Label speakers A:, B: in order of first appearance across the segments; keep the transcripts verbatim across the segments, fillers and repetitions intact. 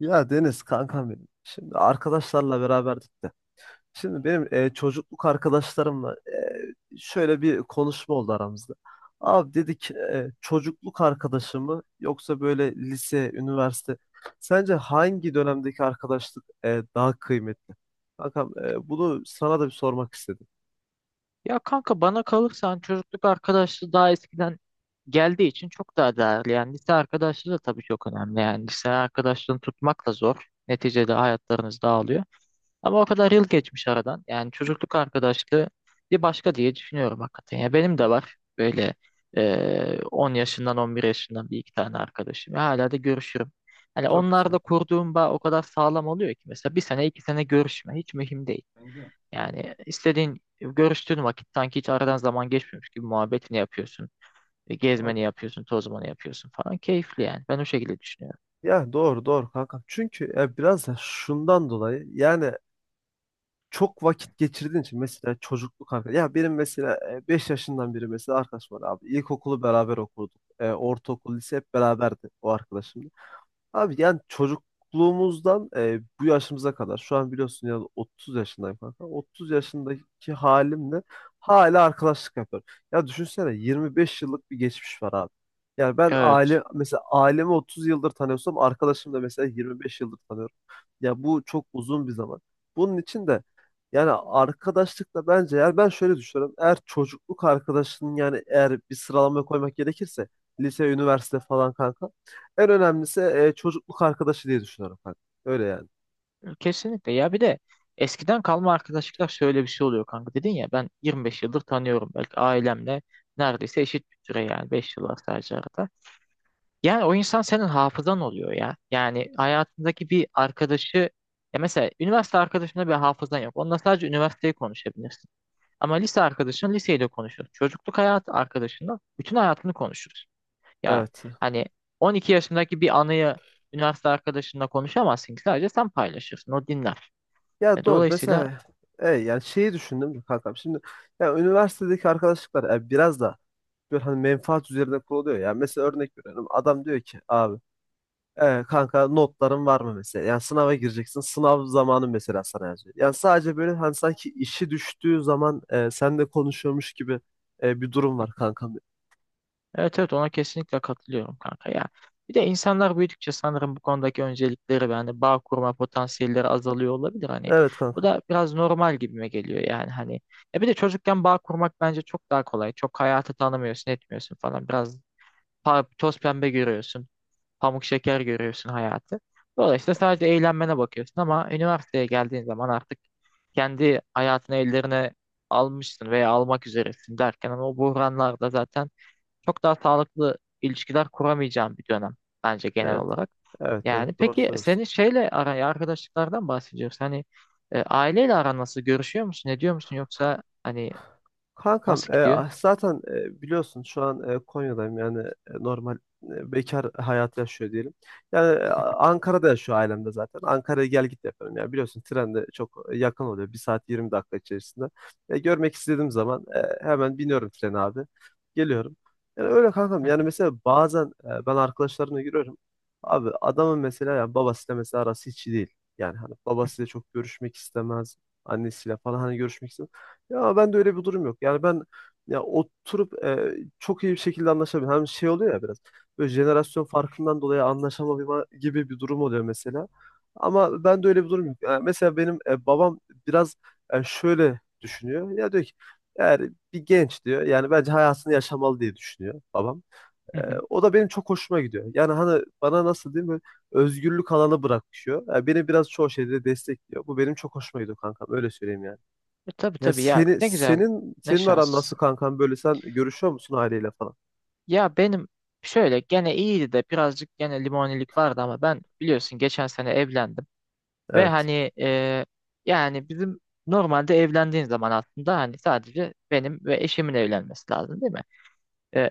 A: Ya Deniz kankam benim. Şimdi arkadaşlarla beraberdik de. Şimdi benim e, çocukluk arkadaşlarımla e, şöyle bir konuşma oldu aramızda. Abi dedik e, çocukluk arkadaşı mı yoksa böyle lise, üniversite. Sence hangi dönemdeki arkadaşlık e, daha kıymetli? Kankam e, bunu sana da bir sormak istedim.
B: Ya kanka bana kalırsan çocukluk arkadaşlığı daha eskiden geldiği için çok daha değerli. Yani lise arkadaşlığı da tabii çok önemli. Yani lise arkadaşlığını tutmak da zor. Neticede hayatlarınız dağılıyor. Ama o kadar yıl geçmiş aradan. Yani çocukluk arkadaşlığı bir başka diye düşünüyorum hakikaten. Ya benim de var böyle eee, on yaşından on bir yaşından bir iki tane arkadaşım. Ya hala da görüşürüm. Hani
A: Çok güzel.
B: onlarla kurduğum bağ o kadar sağlam oluyor ki mesela bir sene iki sene görüşme hiç mühim değil. Yani istediğin görüştüğün vakit sanki hiç aradan zaman geçmiyormuş gibi muhabbetini yapıyorsun. E, Gezmeni
A: Abi,
B: yapıyorsun, tozmanı yapıyorsun falan. Keyifli yani. Ben o şekilde düşünüyorum.
A: ya doğru doğru kankam. Çünkü e, biraz da şundan dolayı yani çok vakit geçirdiğin için mesela çocukluk arkadaş. Ya benim mesela e, beş yaşından beri mesela arkadaş var abi. İlkokulu beraber okuduk. E, ortaokul, lise hep beraberdi o arkadaşım. Abi yani çocukluğumuzdan e, bu yaşımıza kadar şu an biliyorsun ya otuz yaşındayım kanka. otuz yaşındaki halimle hala arkadaşlık yapıyorum. Ya düşünsene yirmi beş yıllık bir geçmiş var abi. Yani ben
B: Evet.
A: aile mesela ailemi otuz yıldır tanıyorsam arkadaşım da mesela yirmi beş yıldır tanıyorum. Ya bu çok uzun bir zaman. Bunun için de yani arkadaşlıkla bence yani ben şöyle düşünüyorum. Eğer çocukluk arkadaşının yani eğer bir sıralamaya koymak gerekirse lise, üniversite falan kanka en önemlisi e, çocukluk arkadaşı diye düşünüyorum kanka. Öyle yani.
B: Kesinlikle. Ya bir de eskiden kalma arkadaşlıklar şöyle bir şey oluyor kanka. Dedin ya ben yirmi beş yıldır tanıyorum. Belki ailemle neredeyse eşit bir süre yani. Beş yıl var sadece arada. Yani o insan senin hafızan oluyor ya. Yani hayatındaki bir arkadaşı ya mesela üniversite arkadaşında bir hafızan yok. Onunla sadece üniversiteyi konuşabilirsin. Ama lise arkadaşın liseyle konuşur. Çocukluk hayatı arkadaşınla bütün hayatını konuşuruz. Yani
A: Evet.
B: hani on iki yaşındaki bir anıyı üniversite arkadaşınla konuşamazsın ki sadece sen paylaşırsın. O dinler.
A: Ya
B: E,
A: doğru.
B: Dolayısıyla
A: Mesela e, yani şeyi düşündüm de kankam. Şimdi ya üniversitedeki arkadaşlıklar e, biraz da böyle hani menfaat üzerine kuruluyor. Yani mesela örnek veriyorum. Adam diyor ki abi e, kanka notların var mı mesela? Yani sınava gireceksin. Sınav zamanı mesela sana yazıyor. Yani sadece böyle hani sanki işi düştüğü zaman e, seninle konuşuyormuş gibi e, bir durum var kankam.
B: evet evet, ona kesinlikle katılıyorum kanka ya. Bir de insanlar büyüdükçe sanırım bu konudaki öncelikleri ve hani bağ kurma potansiyelleri azalıyor olabilir hani.
A: Evet
B: Bu
A: kankam.
B: da biraz normal gibime geliyor yani hani. E bir de çocukken bağ kurmak bence çok daha kolay. Çok hayatı tanımıyorsun, etmiyorsun falan. Biraz pa- toz pembe görüyorsun. Pamuk şeker görüyorsun hayatı. Dolayısıyla sadece eğlenmene bakıyorsun ama üniversiteye geldiğin zaman artık kendi hayatını ellerine almışsın veya almak üzeresin derken ama o buhranlarda zaten çok daha sağlıklı ilişkiler kuramayacağın bir dönem bence genel
A: Evet.
B: olarak.
A: Evet, evet,
B: Yani
A: doğru
B: peki
A: söylüyorsun.
B: senin şeyle araya arkadaşlıklardan bahsediyoruz. Hani e, aileyle aran nasıl? Görüşüyor musun? Ne diyor musun? Yoksa hani
A: Kankam
B: nasıl
A: e,
B: gidiyor?
A: ah, zaten e, biliyorsun şu an e, Konya'dayım yani e, normal e, bekar hayatı yaşıyor diyelim. Yani e, Ankara'da yaşıyor ailem de zaten. Ankara'ya gel git yapıyorum. Yani biliyorsun tren de çok yakın oluyor. Bir saat yirmi dakika içerisinde. E, görmek istediğim zaman e, hemen biniyorum trene abi. Geliyorum. Yani öyle kankam.
B: Hı hı,
A: Yani mesela bazen e, ben arkadaşlarımla giriyorum. Abi adamın mesela yani babasıyla mesela arası hiç iyi değil. Yani hani babasıyla çok görüşmek istemez. Annesiyle falan hani görüşmek istemez. Ya ben de öyle bir durum yok. Yani ben ya oturup e, çok iyi bir şekilde anlaşabilirim. Hem şey oluyor ya biraz böyle jenerasyon farkından dolayı anlaşamama gibi bir durum oluyor mesela. Ama ben de öyle bir durum yok. Yani mesela benim e, babam biraz e, şöyle düşünüyor. Ya diyor ki yani bir genç diyor. Yani bence hayatını yaşamalı diye düşünüyor babam. E,
B: hı hı.
A: O da benim çok hoşuma gidiyor. Yani hani bana nasıl diyeyim böyle özgürlük alanı bırakıyor. Yani beni biraz çoğu şeyde destekliyor. Bu benim çok hoşuma gidiyor kankam. Öyle söyleyeyim yani.
B: E, tabii
A: Ya
B: tabii ya
A: seni
B: ne güzel.
A: senin
B: Ne
A: senin aran
B: şans.
A: nasıl kankan, böyle sen görüşüyor musun aileyle falan?
B: Ya benim şöyle gene iyiydi de birazcık gene limonilik vardı ama ben biliyorsun geçen sene evlendim ve
A: Evet.
B: hani e, yani bizim normalde evlendiğin zaman aslında hani sadece benim ve eşimin evlenmesi lazım değil mi? E,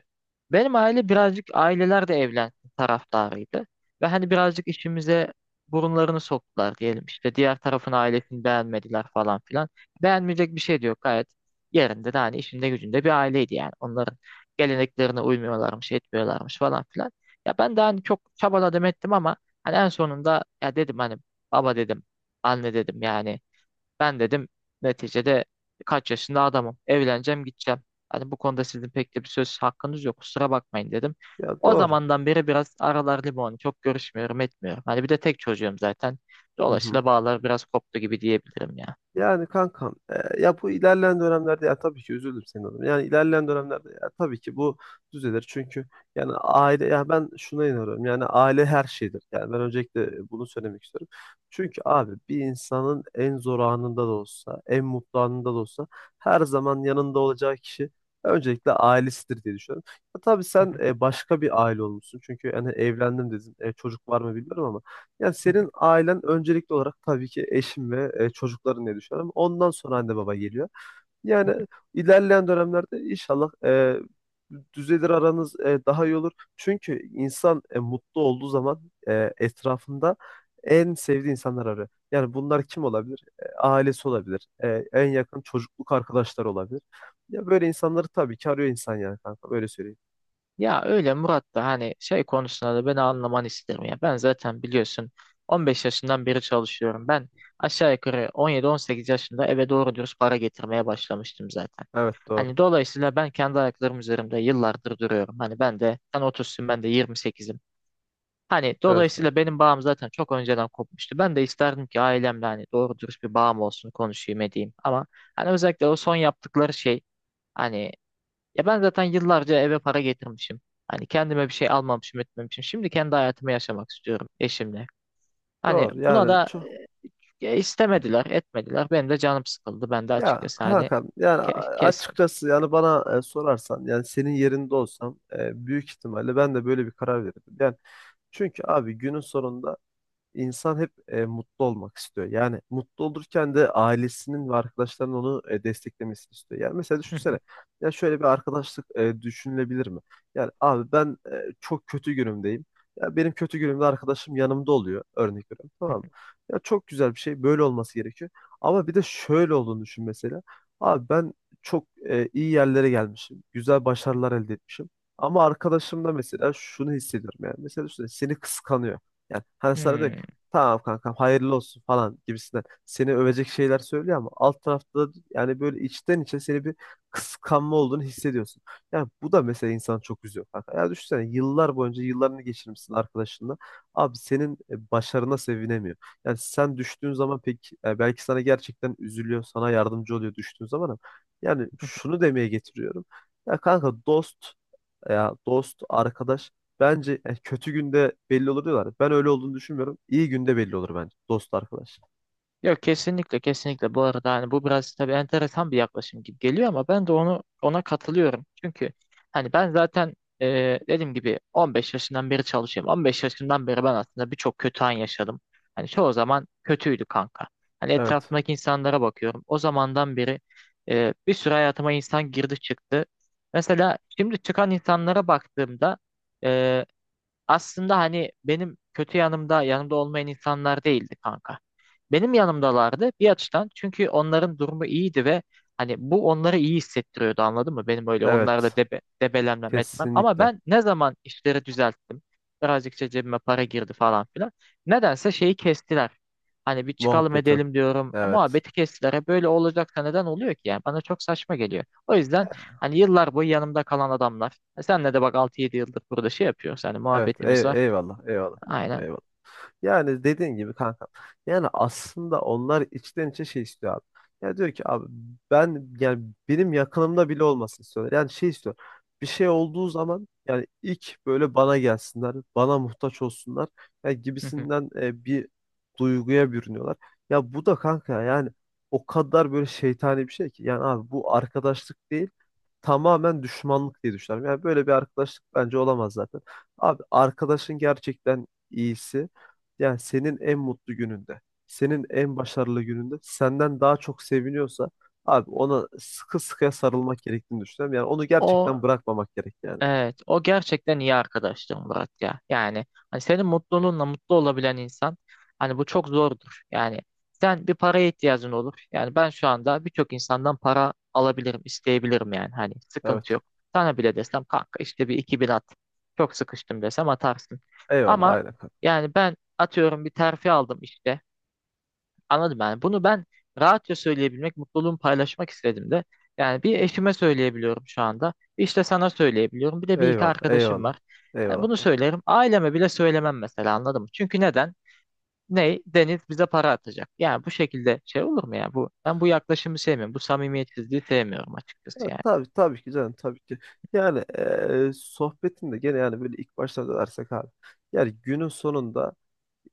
B: Benim aile birazcık aileler de evlensin taraftarıydı. Ve hani birazcık işimize burunlarını soktular diyelim. İşte diğer tarafın ailesini beğenmediler falan filan. Beğenmeyecek bir şey de yok gayet. Yerinde de hani işinde gücünde bir aileydi yani. Onların geleneklerine uymuyorlarmış, etmiyorlarmış falan filan. Ya ben de hani çok çabaladım ettim ama hani en sonunda ya dedim hani baba dedim, anne dedim yani ben dedim neticede kaç yaşında adamım. Evleneceğim gideceğim. Hani bu konuda sizin pek de bir söz hakkınız yok. Kusura bakmayın dedim.
A: Ya
B: O
A: doğru.
B: zamandan beri biraz aralar limon. Çok görüşmüyorum etmiyorum. Hani bir de tek çocuğum zaten.
A: Hı hı.
B: Dolayısıyla bağlar biraz koptu gibi diyebilirim ya.
A: Yani kankam e, ya bu ilerleyen dönemlerde ya tabii ki üzüldüm senin adına. Yani ilerleyen dönemlerde ya tabii ki bu düzelir. Çünkü yani aile, ya ben şuna inanıyorum. Yani aile her şeydir. Yani ben öncelikle bunu söylemek istiyorum. Çünkü abi bir insanın en zor anında da olsa, en mutlu anında da olsa her zaman yanında olacağı kişi öncelikle ailesidir diye düşünüyorum. Ya tabii sen e, başka bir aile olmuşsun. Çünkü yani evlendim dedin. E, çocuk var mı bilmiyorum ama yani senin ailen öncelikli olarak tabii ki eşin ve e, çocukların diye düşünüyorum. Ondan sonra anne baba geliyor. Yani ilerleyen dönemlerde inşallah e, düzelir aranız, e, daha iyi olur. Çünkü insan e, mutlu olduğu zaman e, etrafında en sevdiği insanlar arıyor. Yani bunlar kim olabilir? E, ailesi olabilir. E, en yakın çocukluk arkadaşları olabilir. Ya böyle insanları tabii ki arıyor insan yani kanka. Böyle söyleyeyim.
B: Ya öyle Murat da hani şey konusunda da beni anlaman isterim ya. Ben zaten biliyorsun on beş yaşından beri çalışıyorum. Ben aşağı yukarı on yedi on sekiz yaşında eve doğru dürüst para getirmeye başlamıştım zaten.
A: Evet, doğru.
B: Hani dolayısıyla ben kendi ayaklarım üzerinde yıllardır duruyorum. Hani ben de sen otuzsun ben de yirmi sekizim. Hani
A: Evet kanka.
B: dolayısıyla benim bağım zaten çok önceden kopmuştu. Ben de isterdim ki ailemle hani doğru dürüst bir bağım olsun konuşayım edeyim. Ama hani özellikle o son yaptıkları şey hani ya ben zaten yıllarca eve para getirmişim. Hani kendime bir şey almamışım etmemişim. Şimdi kendi hayatımı yaşamak istiyorum eşimle. Hani
A: Doğru.
B: buna
A: Yani
B: da
A: çok.
B: e, e, istemediler etmediler. Benim de canım sıkıldı. Ben de
A: Ya
B: açıkçası hani
A: Hakan, yani
B: ke- kestim.
A: açıkçası yani bana e, sorarsan yani senin yerinde olsam e, büyük ihtimalle ben de böyle bir karar verirdim. Yani çünkü abi günün sonunda İnsan hep e, mutlu olmak istiyor. Yani mutlu olurken de ailesinin ve arkadaşlarının onu e, desteklemesini istiyor. Yani mesela düşünsene. Ya şöyle bir arkadaşlık e, düşünülebilir mi? Yani abi ben e, çok kötü günümdeyim. Ya benim kötü günümde arkadaşım yanımda oluyor. Örnek veriyorum. Tamam mı? Ya çok güzel bir şey. Böyle olması gerekiyor. Ama bir de şöyle olduğunu düşün mesela. Abi ben çok e, iyi yerlere gelmişim. Güzel başarılar elde etmişim. Ama arkadaşım da mesela şunu hissediyorum yani. Mesela düşünsene seni kıskanıyor. Yani hani sana diyor ki,
B: Hmm.
A: tamam kankam hayırlı olsun falan gibisinden seni övecek şeyler söylüyor ama alt tarafta da yani böyle içten içe seni bir kıskanma olduğunu hissediyorsun. Yani bu da mesela insanı çok üzüyor kanka. Ya düşünsene yıllar boyunca yıllarını geçirmişsin arkadaşınla. Abi senin e, başarına sevinemiyor. Yani sen düştüğün zaman pek e, belki sana gerçekten üzülüyor, sana yardımcı oluyor düştüğün zaman, ama yani şunu demeye getiriyorum. Ya kanka, dost, ya dost, arkadaş, bence yani kötü günde belli olur diyorlar. Ben öyle olduğunu düşünmüyorum. İyi günde belli olur bence. Dost, arkadaş.
B: Yok, kesinlikle kesinlikle bu arada hani bu biraz tabii enteresan bir yaklaşım gibi geliyor ama ben de onu ona katılıyorum. Çünkü hani ben zaten e, dediğim gibi on beş yaşından beri çalışıyorum. on beş yaşından beri ben aslında birçok kötü an yaşadım. Hani çoğu zaman kötüydü kanka. Hani
A: Evet.
B: etrafımdaki insanlara bakıyorum. O zamandan beri e, bir sürü hayatıma insan girdi çıktı. Mesela şimdi çıkan insanlara baktığımda aslında hani benim kötü yanımda yanımda olmayan insanlar değildi kanka. Benim yanımdalardı bir açıdan çünkü onların durumu iyiydi ve hani bu onları iyi hissettiriyordu, anladın mı? Benim öyle onlarla
A: Evet.
B: debe, debelenmem etmem ama
A: Kesinlikle.
B: ben ne zaman işleri düzelttim birazcık işte cebime para girdi falan filan nedense şeyi kestiler. Hani bir çıkalım
A: Muhabbeti.
B: edelim diyorum. E,
A: Evet.
B: Muhabbeti kestiler. E, böyle olacaksa neden oluyor ki yani? Bana çok saçma geliyor. O yüzden hani yıllar boyu yanımda kalan adamlar. E senle de bak altı yedi yıldır burada şey yapıyoruz. Hani
A: Evet.
B: muhabbetimiz var.
A: Ey- eyvallah. Eyvallah.
B: Aynen.
A: Eyvallah. Yani dediğin gibi kanka. Yani aslında onlar içten içe şey istiyor abi. Ya diyor ki abi ben yani benim yakınımda bile olmasını istiyorlar. Yani şey istiyor. Bir şey olduğu zaman yani ilk böyle bana gelsinler, bana muhtaç olsunlar yani
B: Hı hı.
A: gibisinden e, bir duyguya bürünüyorlar. Ya bu da kanka yani o kadar böyle şeytani bir şey ki. Yani abi bu arkadaşlık değil, tamamen düşmanlık diye düşünüyorum. Yani böyle bir arkadaşlık bence olamaz zaten. Abi arkadaşın gerçekten iyisi. Yani senin en mutlu gününde, senin en başarılı gününde senden daha çok seviniyorsa abi ona sıkı sıkıya sarılmak gerektiğini düşünüyorum. Yani onu
B: O
A: gerçekten bırakmamak gerek yani.
B: evet, o gerçekten iyi arkadaştır Murat ya. Yani hani senin mutluluğunla mutlu olabilen insan hani bu çok zordur. Yani sen bir paraya ihtiyacın olur. Yani ben şu anda birçok insandan para alabilirim, isteyebilirim yani. Hani sıkıntı
A: Evet.
B: yok. Sana bile desem kanka işte bir iki bin at. Çok sıkıştım desem atarsın.
A: Eyvallah,
B: Ama
A: aynen kanka.
B: yani ben atıyorum bir terfi aldım işte. Anladım yani. Bunu ben rahatça söyleyebilmek, mutluluğumu paylaşmak istedim de. Yani bir eşime söyleyebiliyorum şu anda. İşte sana söyleyebiliyorum. Bir de bir iki
A: Eyvallah,
B: arkadaşım
A: eyvallah.
B: var. Yani
A: Eyvallah
B: bunu
A: kanka.
B: söylerim. Aileme bile söylemem mesela, anladın mı? Çünkü neden? Ney? Deniz bize para atacak. Yani bu şekilde şey olur mu ya? Bu, ben bu yaklaşımı sevmiyorum. Bu samimiyetsizliği sevmiyorum açıkçası
A: Ya, tabii, tabii ki canım, tabii ki. Yani eee sohbetinde gene yani böyle ilk başta da dersek abi. Yani günün sonunda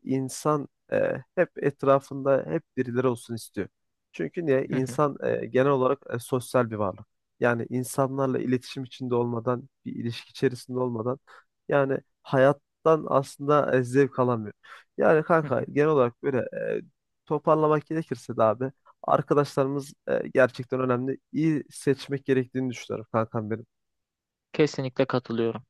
A: insan e, hep etrafında hep birileri olsun istiyor. Çünkü niye?
B: yani.
A: İnsan e, genel olarak e, sosyal bir varlık. Yani insanlarla iletişim içinde olmadan, bir ilişki içerisinde olmadan yani hayattan aslında e, zevk alamıyor. Yani kanka genel olarak böyle e, toparlamak gerekirse de abi arkadaşlarımız e, gerçekten önemli. İyi seçmek gerektiğini düşünüyorum kankam benim.
B: Kesinlikle katılıyorum.